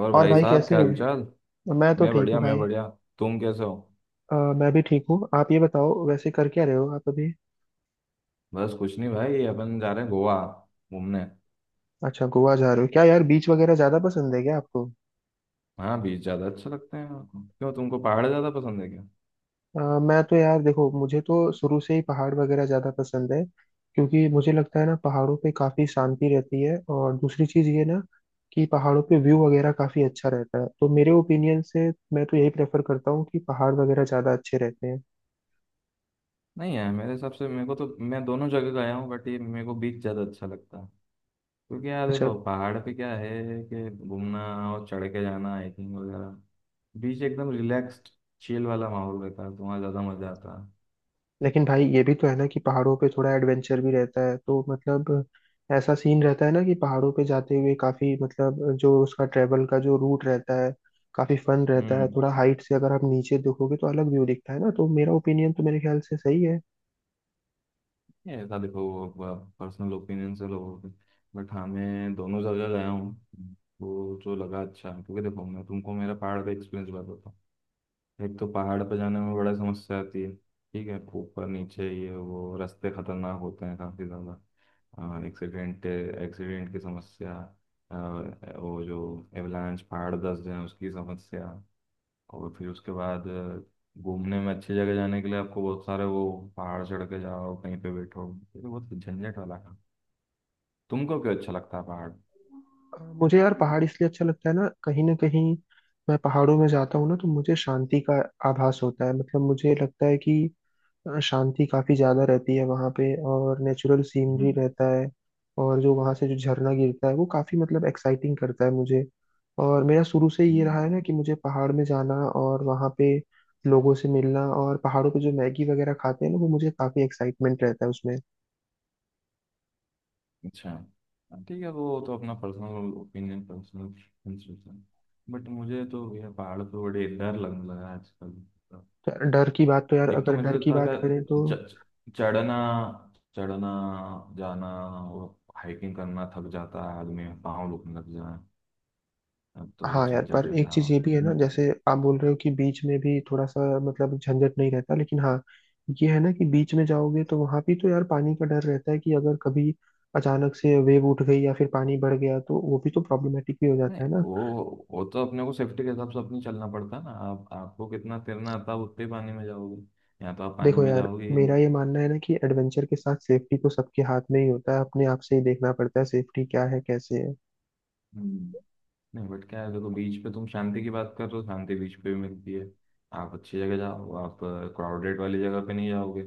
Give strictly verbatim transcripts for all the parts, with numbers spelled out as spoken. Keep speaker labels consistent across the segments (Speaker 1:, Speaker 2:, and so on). Speaker 1: और
Speaker 2: और
Speaker 1: भाई
Speaker 2: भाई
Speaker 1: साहब
Speaker 2: कैसे
Speaker 1: क्या
Speaker 2: हो।
Speaker 1: हालचाल।
Speaker 2: मैं तो
Speaker 1: मैं
Speaker 2: ठीक
Speaker 1: बढ़िया
Speaker 2: हूँ
Speaker 1: मैं
Speaker 2: भाई।
Speaker 1: बढ़िया। तुम कैसे हो?
Speaker 2: अ, मैं भी ठीक हूँ। आप ये बताओ वैसे कर क्या रहे हो आप अभी?
Speaker 1: बस कुछ नहीं भाई, अपन जा रहे हैं गोवा घूमने।
Speaker 2: अच्छा, गोवा जा रहे हो क्या यार? बीच वगैरह ज्यादा पसंद है क्या आपको?
Speaker 1: हाँ, बीच ज़्यादा अच्छे लगते हैं मेरे को। क्यों, तुमको पहाड़ ज़्यादा पसंद है क्या?
Speaker 2: अ, मैं तो यार देखो, मुझे तो शुरू से ही पहाड़ वगैरह ज्यादा पसंद है, क्योंकि मुझे लगता है ना पहाड़ों पे काफी शांति रहती है। और दूसरी चीज ये ना कि पहाड़ों पे व्यू वगैरह काफी अच्छा रहता है। तो मेरे ओपिनियन से मैं तो यही प्रेफर करता हूँ कि पहाड़ वगैरह ज्यादा अच्छे रहते हैं।
Speaker 1: नहीं यार, मेरे हिसाब से, मेरे को तो, मैं दोनों जगह गया हूँ बट ये मेरे को बीच ज़्यादा अच्छा लगता है। क्योंकि यार
Speaker 2: अच्छा।
Speaker 1: देखो, पहाड़ पे क्या है कि घूमना और चढ़ के जाना, हाइकिंग वगैरह। बीच एकदम रिलैक्स्ड चिल वाला माहौल रहता है तो वहाँ ज़्यादा मज़ा आता है।
Speaker 2: लेकिन भाई ये भी तो है ना कि पहाड़ों पे थोड़ा एडवेंचर भी रहता है, तो मतलब ऐसा सीन रहता है ना कि पहाड़ों पे जाते हुए काफी, मतलब जो उसका ट्रेवल का जो रूट रहता है, काफी फन रहता है।
Speaker 1: हम्म।
Speaker 2: थोड़ा हाइट से अगर आप नीचे देखोगे तो अलग व्यू दिखता है ना। तो मेरा ओपिनियन तो मेरे ख्याल से सही है।
Speaker 1: ये था देखो, पर्सनल ओपिनियन से लोगों के। बट हाँ, मैं दोनों जगह गया हूँ तो जो लगा अच्छा है, क्योंकि देखो मैं तुमको मेरा पहाड़ का एक्सपीरियंस बताता हूँ। एक तो पहाड़ पर जाने में बड़ा समस्या आती है, ठीक है? ऊपर नीचे ये वो रास्ते खतरनाक होते हैं काफ़ी ज़्यादा। एक्सीडेंट एक्सीडेंट की समस्या। अ, वो जो एवलांच, पहाड़ धंस जाए, उसकी समस्या। और फिर उसके बाद अ, घूमने में अच्छी जगह जाने के लिए आपको बहुत सारे वो पहाड़ चढ़ के जाओ, कहीं पे बैठो, ये तो बहुत झंझट वाला काम। तुमको क्यों अच्छा लगता है पहाड़?
Speaker 2: अ, मुझे यार पहाड़ इसलिए अच्छा लगता है ना, कहीं ना कहीं मैं पहाड़ों में जाता हूँ ना तो मुझे शांति का आभास होता है। मतलब मुझे लगता है कि शांति काफी ज्यादा रहती है वहाँ पे, और नेचुरल सीनरी
Speaker 1: हम्म।
Speaker 2: रहता है। और जो वहाँ से जो झरना गिरता है वो काफी, मतलब एक्साइटिंग करता है मुझे। और मेरा शुरू से ये
Speaker 1: हम्म।
Speaker 2: रहा है ना कि मुझे पहाड़ में जाना, और वहाँ पे लोगों से मिलना, और पहाड़ों पे जो मैगी वगैरह खाते हैं ना, वो मुझे काफी एक्साइटमेंट रहता है उसमें।
Speaker 1: अच्छा। हाँ, ठीक है, वो तो अपना personal opinion, personal preference. But मुझे तो यह पहाड़ पे बड़े डर लगने लगा है आजकल।
Speaker 2: तो डर की बात तो यार,
Speaker 1: एक तो
Speaker 2: अगर
Speaker 1: मेरे
Speaker 2: डर
Speaker 1: साथ
Speaker 2: की
Speaker 1: था
Speaker 2: बात करें
Speaker 1: कि
Speaker 2: तो
Speaker 1: च- च- चढ़ना चढ़ना जाना और हाइकिंग करना, थक जाता है आदमी, पाँव दुखने लग जाए, अब तो वो
Speaker 2: हाँ यार, पर
Speaker 1: झंझट
Speaker 2: एक
Speaker 1: रहता
Speaker 2: चीज ये भी है ना,
Speaker 1: है।
Speaker 2: जैसे आप बोल रहे हो कि बीच में भी थोड़ा सा मतलब झंझट नहीं रहता, लेकिन हाँ ये है ना कि बीच में जाओगे तो वहां भी तो यार पानी का डर रहता है कि अगर कभी अचानक से वेव उठ गई या फिर पानी बढ़ गया तो वो भी तो प्रॉब्लमेटिक भी हो
Speaker 1: नहीं,
Speaker 2: जाता है ना।
Speaker 1: वो वो तो अपने को सेफ्टी के हिसाब से अपनी चलना पड़ता है ना। आप आपको कितना तैरना आता है आप उतने ही पानी में जाओगे, या तो आप पानी
Speaker 2: देखो
Speaker 1: में
Speaker 2: यार,
Speaker 1: जाओगे ही
Speaker 2: मेरा
Speaker 1: नहीं।
Speaker 2: ये मानना है ना कि एडवेंचर के साथ सेफ्टी तो सबके हाथ में ही होता है, अपने आप से ही देखना पड़ता है सेफ्टी क्या है, कैसे है।
Speaker 1: हम्म। नहीं बट क्या है देखो, बीच पे तुम शांति की बात कर रहे हो, शांति बीच पे भी मिलती है। आप अच्छी जगह जाओ, आप क्राउडेड वाली जगह पे नहीं जाओगे।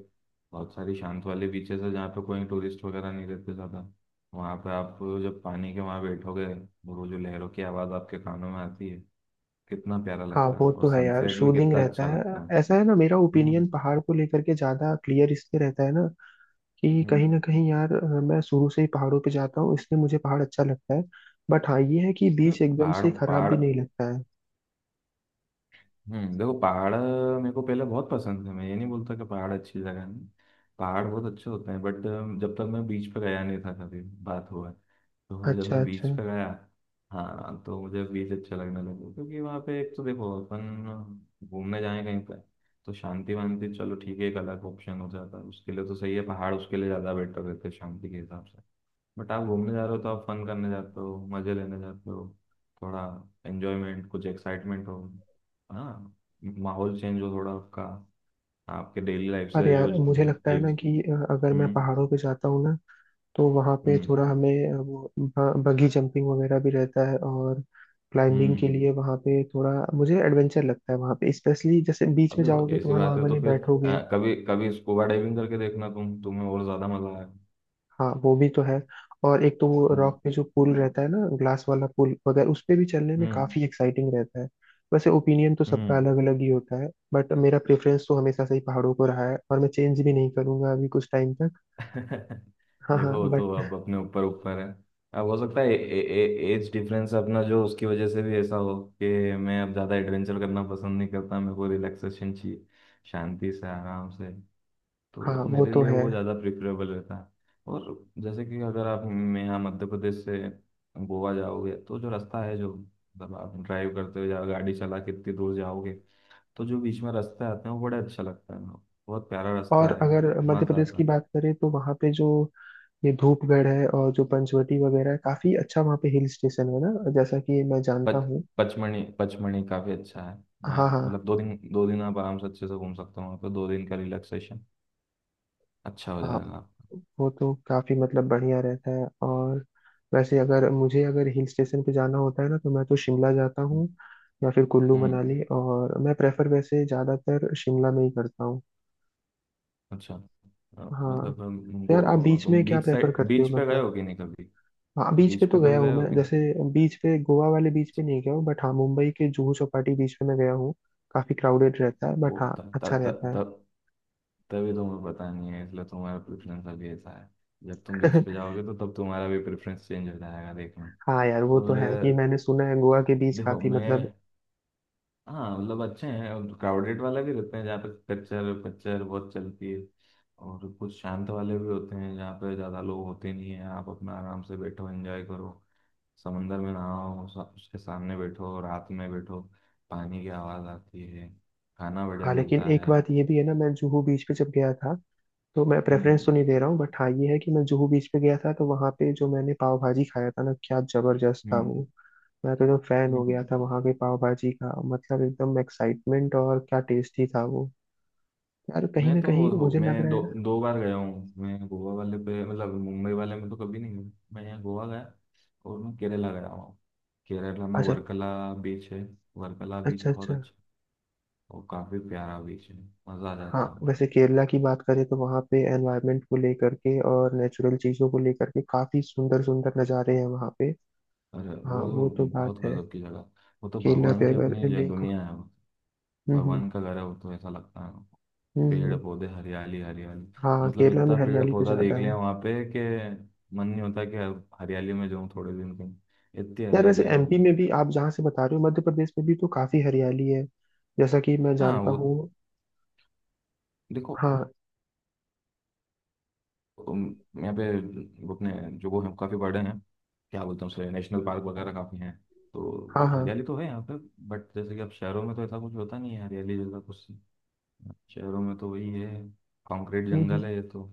Speaker 1: बहुत सारी शांत वाले बीचेस है जहाँ पे कोई टूरिस्ट वगैरह नहीं रहते ज़्यादा। वहाँ पे आप जब पानी के वहाँ बैठोगे, वो जो लहरों की आवाज़ आपके कानों में आती है, कितना प्यारा
Speaker 2: हाँ
Speaker 1: लगता है,
Speaker 2: वो तो
Speaker 1: और
Speaker 2: है यार,
Speaker 1: सनसेट भी
Speaker 2: सूदिंग
Speaker 1: कितना
Speaker 2: रहता
Speaker 1: अच्छा
Speaker 2: है।
Speaker 1: लगता है।
Speaker 2: ऐसा है ना, मेरा ओपिनियन
Speaker 1: हम्म।
Speaker 2: पहाड़ को लेकर के ज्यादा क्लियर इसलिए रहता है ना कि कहीं
Speaker 1: हम्म।
Speaker 2: ना कहीं यार, अ, मैं शुरू से ही पहाड़ों पे जाता हूँ इसलिए मुझे पहाड़ अच्छा लगता है। बट हाँ ये है कि
Speaker 1: हम्म,
Speaker 2: बीच एकदम
Speaker 1: पहाड़
Speaker 2: से खराब
Speaker 1: पहाड़।
Speaker 2: भी नहीं लगता है।
Speaker 1: हम्म देखो, पहाड़ मेरे को पहले बहुत पसंद है, मैं ये नहीं बोलता कि पहाड़ अच्छी जगह नहीं, पहाड़ बहुत अच्छे होते हैं। बट जब तक मैं बीच पे गया नहीं था, कभी बात हुआ है। तो जब
Speaker 2: अच्छा
Speaker 1: मैं
Speaker 2: अच्छा।
Speaker 1: बीच पे गया, हाँ, तो मुझे बीच अच्छा लगने लगा क्योंकि वहाँ पे एक तो देखो अपन घूमने जाए कहीं पे तो शांति वांति, चलो ठीक है, एक अलग ऑप्शन हो जाता है उसके लिए, तो सही है पहाड़ उसके लिए, ज़्यादा बेटर रहते हैं शांति के हिसाब से। बट आप घूमने जा रहे हो तो आप फन करने जाते हो, मज़े लेने जाते हो, थोड़ा एंजॉयमेंट कुछ एक्साइटमेंट हो, हाँ, माहौल चेंज हो थोड़ा आपका, आपके डेली लाइफ
Speaker 2: पर
Speaker 1: से जो
Speaker 2: यार मुझे
Speaker 1: झ-
Speaker 2: लगता है ना
Speaker 1: झिग।
Speaker 2: कि अ, अगर मैं
Speaker 1: हम्म।
Speaker 2: पहाड़ों पे जाता हूँ ना, तो वहाँ पे
Speaker 1: हम्म।
Speaker 2: थोड़ा हमें अ, वो ब- बगी जंपिंग वगैरह भी रहता है, और
Speaker 1: हम्म।
Speaker 2: क्लाइंबिंग के
Speaker 1: हम्म।
Speaker 2: लिए वहाँ पे थोड़ा मुझे एडवेंचर लगता है वहाँ पे। स्पेशली जैसे बीच
Speaker 1: अब
Speaker 2: में
Speaker 1: देखो
Speaker 2: जाओगे तो
Speaker 1: ऐसी
Speaker 2: वहाँ
Speaker 1: बात है तो
Speaker 2: नॉर्मली
Speaker 1: फिर
Speaker 2: बैठोगे।
Speaker 1: अ, कभी कभी स्कूबा डाइविंग करके देखना, तुम तुम्हें और ज्यादा मजा आएगा।
Speaker 2: हाँ वो भी तो है। और एक तो वो
Speaker 1: हम्म।
Speaker 2: रॉक पे जो पुल रहता है ना, ग्लास वाला पुल वगैरह, उस पे भी चलने में
Speaker 1: हम्म।
Speaker 2: काफी एक्साइटिंग रहता है। वैसे ओपिनियन तो सबका
Speaker 1: हम्म।
Speaker 2: अलग अलग ही होता है, बट मेरा प्रेफरेंस तो हमेशा से ही पहाड़ों को रहा है और मैं चेंज भी नहीं करूंगा अभी कुछ टाइम तक। हाँ हाँ
Speaker 1: देखो वो तो अब
Speaker 2: बट,
Speaker 1: अपने ऊपर ऊपर है, अब हो सकता है एज डिफरेंस अपना, जो उसकी वजह से भी ऐसा हो, कि मैं अब ज्यादा एडवेंचर करना पसंद नहीं करता, मेरे को रिलैक्सेशन चाहिए, शांति से आराम से, तो
Speaker 2: हाँ वो
Speaker 1: मेरे
Speaker 2: तो
Speaker 1: लिए
Speaker 2: है।
Speaker 1: वो ज़्यादा प्रिफरेबल रहता है। और जैसे कि अगर आप, मैं यहाँ मध्य प्रदेश से गोवा जाओगे तो जो रास्ता है, जो मतलब आप ड्राइव करते हो या गाड़ी चला के इतनी दूर जाओगे तो जो बीच में रास्ते आते हैं वो बड़े अच्छा लगता है, बहुत प्यारा
Speaker 2: और
Speaker 1: रास्ता है,
Speaker 2: अगर मध्य
Speaker 1: मज़ा
Speaker 2: प्रदेश
Speaker 1: आता
Speaker 2: की
Speaker 1: है।
Speaker 2: बात करें तो वहाँ पे जो ये धूपगढ़ है और जो पंचवटी वगैरह है, काफी अच्छा वहाँ पे हिल स्टेशन है ना, जैसा कि मैं जानता
Speaker 1: पच
Speaker 2: हूँ।
Speaker 1: पचमणी पचमणी काफ़ी अच्छा है।
Speaker 2: हाँ
Speaker 1: अ,
Speaker 2: हाँ।
Speaker 1: मतलब दो दिन दो दिन आप आराम से अच्छे से घूम सकते हो, वहाँ पर दो दिन का रिलैक्सेशन अच्छा हो
Speaker 2: हाँ
Speaker 1: जाएगा आपका।
Speaker 2: वो तो काफी मतलब बढ़िया रहता है। और वैसे अगर मुझे अगर हिल स्टेशन पे जाना होता है ना, तो मैं तो शिमला जाता हूँ या फिर कुल्लू
Speaker 1: हम्म।
Speaker 2: मनाली, और मैं प्रेफर वैसे ज्यादातर शिमला में ही करता हूँ।
Speaker 1: अच्छा। अ,
Speaker 2: हाँ।
Speaker 1: मतलब अम,
Speaker 2: तो यार आप
Speaker 1: गो
Speaker 2: बीच में
Speaker 1: तुम
Speaker 2: क्या
Speaker 1: बीच
Speaker 2: प्रेफर
Speaker 1: साइड,
Speaker 2: करते हो,
Speaker 1: बीच पे गए
Speaker 2: मतलब?
Speaker 1: हो कि नहीं कभी?
Speaker 2: हाँ बीच पे
Speaker 1: बीच
Speaker 2: तो
Speaker 1: पे
Speaker 2: गया
Speaker 1: कभी
Speaker 2: हूँ
Speaker 1: गए हो
Speaker 2: मैं,
Speaker 1: कि नहीं?
Speaker 2: जैसे बीच पे गोवा वाले बीच पे
Speaker 1: अच्छा।
Speaker 2: नहीं गया हूँ, बट हाँ मुंबई के जुहू चौपाटी बीच पे मैं गया हूँ। काफी क्राउडेड रहता है
Speaker 1: वो
Speaker 2: बट हाँ
Speaker 1: तब
Speaker 2: अच्छा
Speaker 1: तब तब
Speaker 2: रहता
Speaker 1: तब तभी तुम्हें पता नहीं है, इसलिए तुम्हारा प्रेफरेंस अभी ऐसा है। जब तुम बीच
Speaker 2: है।
Speaker 1: पे जाओगे तो तब तुम्हारा भी प्रेफरेंस चेंज हो जाएगा, देखना।
Speaker 2: हाँ यार वो तो
Speaker 1: और
Speaker 2: है कि मैंने सुना है गोवा के बीच
Speaker 1: देखो
Speaker 2: काफी मतलब।
Speaker 1: मैं। हाँ, मतलब अच्छे हैं और क्राउडेड वाले भी रहते हैं जहाँ पे कच्चर पच्चर बहुत चलती है, और कुछ शांत वाले भी होते हैं जहाँ पे ज़्यादा लोग होते नहीं हैं। आप अपना आराम से बैठो, एंजॉय करो, समंदर में नहाओ, सा- उसके सामने बैठो, रात में बैठो, पानी की आवाज़ आती है, खाना
Speaker 2: हाँ
Speaker 1: बढ़िया
Speaker 2: लेकिन
Speaker 1: मिलता
Speaker 2: एक
Speaker 1: है।
Speaker 2: बात ये भी है ना, मैं जुहू बीच पे जब गया था, तो मैं प्रेफरेंस तो
Speaker 1: हम्म।
Speaker 2: नहीं दे रहा हूँ, बट हाँ ये है कि मैं जुहू बीच पे गया था तो वहाँ पे जो मैंने पाव भाजी खाया था ना, क्या जबरदस्त था
Speaker 1: हम्म।
Speaker 2: वो। मैं तो एकदम फैन हो
Speaker 1: हम्म।
Speaker 2: गया था वहाँ के पाव भाजी का, मतलब एकदम एक्साइटमेंट, और क्या टेस्टी था वो। यार कहीं
Speaker 1: मैं
Speaker 2: ना
Speaker 1: तो
Speaker 2: कहीं
Speaker 1: हो
Speaker 2: मुझे लग
Speaker 1: मैं
Speaker 2: रहा है
Speaker 1: दो
Speaker 2: ना।
Speaker 1: दो बार गया हूँ मैं, गोवा वाले पे, मतलब मुंबई वाले में तो कभी नहीं गया, मैं यहाँ गोवा गया। और मैं केरला गया हूँ, केरला में
Speaker 2: अच्छा
Speaker 1: वर्कला बीच है। वर्कला बीच
Speaker 2: अच्छा।
Speaker 1: बहुत
Speaker 2: अच्छा।
Speaker 1: अच्छा है, और काफी प्यारा बीच है, मजा आ
Speaker 2: हाँ
Speaker 1: जाता है वहाँ।
Speaker 2: वैसे केरला की बात करें तो वहाँ पे एनवायरनमेंट को लेकर के और नेचुरल चीज़ों को लेकर के काफ़ी सुंदर सुंदर नज़ारे हैं वहाँ पे।
Speaker 1: और
Speaker 2: हाँ
Speaker 1: वो तो
Speaker 2: वो तो
Speaker 1: बहुत
Speaker 2: बात है।
Speaker 1: गजब की जगह, वो तो
Speaker 2: केरला
Speaker 1: भगवान
Speaker 2: पे
Speaker 1: की अपनी
Speaker 2: अगर
Speaker 1: ये
Speaker 2: लेक।
Speaker 1: दुनिया है वो।
Speaker 2: हम्म हम्म।
Speaker 1: भगवान का घर है वो तो, ऐसा लगता है। पेड़
Speaker 2: हम्म।
Speaker 1: पौधे, हरियाली हरियाली।
Speaker 2: हाँ
Speaker 1: मतलब
Speaker 2: केरला में
Speaker 1: इतना पेड़
Speaker 2: हरियाली तो
Speaker 1: पौधा
Speaker 2: ज्यादा
Speaker 1: देख लिया
Speaker 2: है।
Speaker 1: वहाँ पे कि मन नहीं होता कि अब हरियाली में जाऊँ थोड़े दिन के लिए। इतनी
Speaker 2: यार वैसे
Speaker 1: हरियाली है।
Speaker 2: एमपी में भी, आप जहाँ से बता रहे हो, मध्य प्रदेश में भी तो काफी हरियाली है, जैसा कि मैं
Speaker 1: हाँ,
Speaker 2: जानता
Speaker 1: वो
Speaker 2: हूँ।
Speaker 1: देखो,
Speaker 2: हाँ
Speaker 1: उम, यहाँ पे वो अपने जो वो हैं काफ़ी बड़े हैं, क्या बोलते हैं उसे, नेशनल पार्क वगैरह काफ़ी हैं, तो
Speaker 2: हाँ। हाँ।
Speaker 1: हरियाली तो है यहाँ पे। बट जैसे कि अब शहरों में तो ऐसा कुछ होता नहीं है, हरियाली जैसा कुछ। शहरों में तो वही है, कंक्रीट
Speaker 2: हम्म हम्म,
Speaker 1: जंगल है ये तो,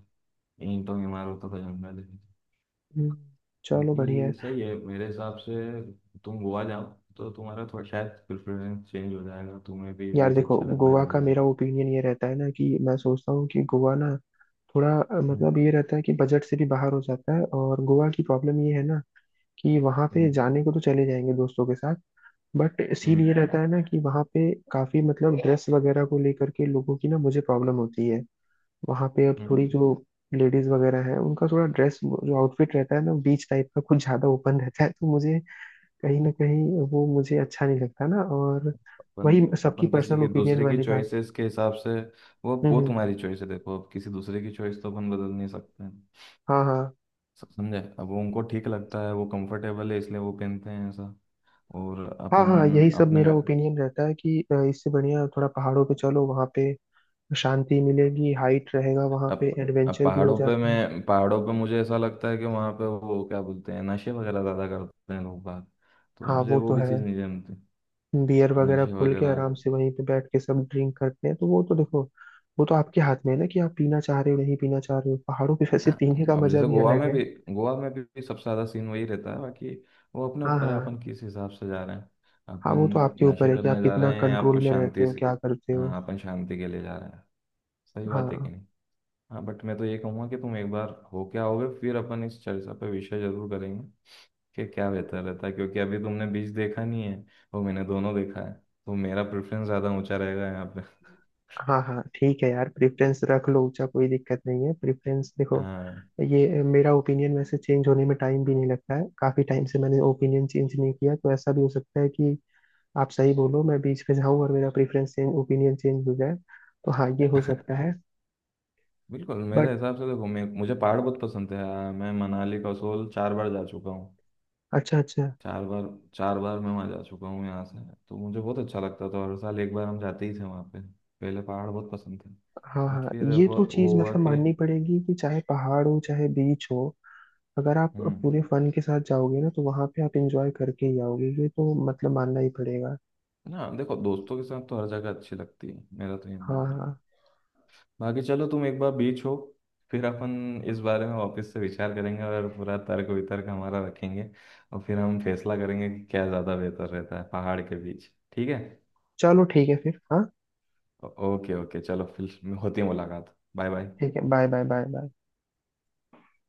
Speaker 1: ईंटों की इमारतों का जंगल है।
Speaker 2: हम्म। चलो बढ़िया है।
Speaker 1: बाकी सही है मेरे हिसाब से, तुम गोवा जाओ तो तुम्हारा थोड़ा शायद प्रेफरेंस चेंज हो जाएगा, तुम्हें भी
Speaker 2: यार
Speaker 1: बीच
Speaker 2: देखो,
Speaker 1: अच्छा लगने
Speaker 2: गोवा
Speaker 1: लग
Speaker 2: का
Speaker 1: जाएगा।
Speaker 2: मेरा ओपिनियन ये रहता है ना कि मैं सोचता हूँ कि गोवा ना थोड़ा अ,
Speaker 1: हम्म।
Speaker 2: मतलब ये रहता है कि बजट से भी बाहर हो जाता है। और गोवा की प्रॉब्लम ये है ना कि वहाँ पे
Speaker 1: हम्म।
Speaker 2: जाने को तो चले जाएंगे दोस्तों के साथ, बट सीन ये
Speaker 1: हम्म।
Speaker 2: रहता है ना कि वहाँ पे काफी, मतलब ड्रेस वगैरह को लेकर के लोगों की ना मुझे प्रॉब्लम होती है। वहां पे अब थोड़ी
Speaker 1: हम्म।
Speaker 2: जो लेडीज वगैरह है उनका थोड़ा ड्रेस, जो आउटफिट रहता है ना बीच टाइप का, कुछ ज्यादा ओपन रहता है, तो मुझे कहीं ना कहीं वो मुझे अच्छा नहीं लगता ना। और
Speaker 1: अपन
Speaker 2: वही सबकी
Speaker 1: अपन किसी
Speaker 2: पर्सनल
Speaker 1: के
Speaker 2: ओपिनियन
Speaker 1: दूसरे की
Speaker 2: वाली बात।
Speaker 1: चॉइसेस के हिसाब से, वो
Speaker 2: हम्म
Speaker 1: वो
Speaker 2: हम्म,
Speaker 1: तुम्हारी चॉइस है, देखो अब किसी दूसरे की चॉइस तो अपन बदल नहीं सकते हैं।
Speaker 2: हाँ हाँ।
Speaker 1: स- समझे, अब वो उनको ठीक लगता है, वो कंफर्टेबल है, इसलिए वो पहनते हैं, ऐसा। और
Speaker 2: हाँ हाँ यही
Speaker 1: अपन
Speaker 2: सब
Speaker 1: अपने
Speaker 2: मेरा
Speaker 1: घर-।
Speaker 2: ओपिनियन रहता है कि अ, इससे बढ़िया थोड़ा पहाड़ों पे चलो, वहाँ पे शांति मिलेगी, हाइट रहेगा, वहाँ
Speaker 1: अब
Speaker 2: पे
Speaker 1: अब
Speaker 2: एडवेंचर भी हो
Speaker 1: पहाड़ों पे
Speaker 2: जाता है।
Speaker 1: मैं पहाड़ों पे मुझे ऐसा लगता है कि वहाँ पे वो, क्या बोलते हैं, नशे वगैरह ज़्यादा करते हैं लोग बाग, तो
Speaker 2: हाँ
Speaker 1: मुझे
Speaker 2: वो
Speaker 1: वो
Speaker 2: तो
Speaker 1: भी
Speaker 2: है।
Speaker 1: चीज़ नहीं जमती।
Speaker 2: बियर वगैरह
Speaker 1: नशे
Speaker 2: खोल के
Speaker 1: वगैरह।
Speaker 2: आराम से वहीं पे बैठ के सब ड्रिंक करते हैं, तो वो तो देखो, वो तो आपके हाथ में है ना कि आप पीना चाह रहे हो नहीं पीना चाह रहे हो। पहाड़ों पे वैसे
Speaker 1: हाँ,
Speaker 2: पीने का
Speaker 1: अब
Speaker 2: मजा
Speaker 1: जैसे
Speaker 2: भी
Speaker 1: गोवा
Speaker 2: अलग
Speaker 1: में
Speaker 2: है।
Speaker 1: भी गोवा में भी, भी सबसे ज्यादा सीन वही रहता है बाकी, वो अपने
Speaker 2: हाँ
Speaker 1: ऊपर है
Speaker 2: हाँ।
Speaker 1: अपन किस हिसाब से जा रहे हैं,
Speaker 2: हाँ
Speaker 1: अपन,
Speaker 2: वो तो आपके ऊपर
Speaker 1: नशे
Speaker 2: है कि आप
Speaker 1: करने जा
Speaker 2: कितना
Speaker 1: रहे हैं या
Speaker 2: कंट्रोल
Speaker 1: फिर
Speaker 2: में रहते
Speaker 1: शांति
Speaker 2: हो,
Speaker 1: से।
Speaker 2: क्या करते हो।
Speaker 1: हाँ, अपन शांति के लिए जा रहे हैं, सही बात है कि
Speaker 2: हाँ
Speaker 1: नहीं? हाँ बट मैं तो ये कहूँगा कि तुम एक बार हो क्या आओगे, फिर अपन इस चर्चा पे विषय जरूर करेंगे कि क्या बेहतर रहता है, क्योंकि अभी तुमने बीच देखा नहीं है, वो मैंने दोनों देखा है तो मेरा प्रेफरेंस ज़्यादा ऊंचा रहेगा यहाँ पे।
Speaker 2: हाँ। हाँ ठीक है यार, प्रेफरेंस रख लो ऊंचा, कोई दिक्कत नहीं है, प्रेफरेंस देखो।
Speaker 1: हाँ।
Speaker 2: ये मेरा ओपिनियन वैसे चेंज होने में टाइम भी नहीं लगता है, काफी टाइम से मैंने ओपिनियन चेंज नहीं किया, तो ऐसा भी हो सकता है कि आप सही बोलो, मैं बीच में जाऊं और मेरा प्रेफरेंस चेंज, ओपिनियन चेंज हो जाए। तो हाँ ये हो सकता है।
Speaker 1: बिल्कुल मेरे
Speaker 2: बट
Speaker 1: हिसाब से देखो, मैं मुझे पहाड़ बहुत पसंद है, आ, मैं मनाली कसोल चार बार जा चुका हूँ,
Speaker 2: अच्छा अच्छा।
Speaker 1: चार बार, चार बार मैं वहाँ जा चुका हूँ यहाँ से। तो मुझे बहुत अच्छा लगता था, हर साल एक बार हम जाते ही थे वहाँ पे, पहले पहाड़ बहुत पसंद थे।
Speaker 2: हाँ
Speaker 1: बट
Speaker 2: हाँ
Speaker 1: फिर
Speaker 2: ये
Speaker 1: वो,
Speaker 2: तो चीज
Speaker 1: वो हुआ
Speaker 2: मतलब
Speaker 1: कि।
Speaker 2: माननी पड़ेगी कि चाहे पहाड़ हो चाहे बीच हो, अगर आप
Speaker 1: हम्म।
Speaker 2: पूरे फन के साथ जाओगे ना तो वहां पे आप एंजॉय करके ही आओगे, ये तो मतलब मानना ही पड़ेगा।
Speaker 1: ना देखो, दोस्तों के साथ तो हर जगह अच्छी लगती है, मेरा तो ये
Speaker 2: हाँ
Speaker 1: मानना
Speaker 2: हाँ
Speaker 1: है।
Speaker 2: हाँ।
Speaker 1: बाकी चलो तुम एक बार बीच हो, फिर अपन इस बारे में वापस से विचार करेंगे और पूरा तर्क वितर्क हमारा रखेंगे, और फिर हम फैसला करेंगे कि क्या ज़्यादा बेहतर रहता है, पहाड़ के बीच, ठीक है?
Speaker 2: चलो ठीक है फिर, हाँ
Speaker 1: ओ- ओके ओके, चलो, फिर होती है मुलाकात, बाय बाय।
Speaker 2: ठीक है। Bye bye. Bye bye.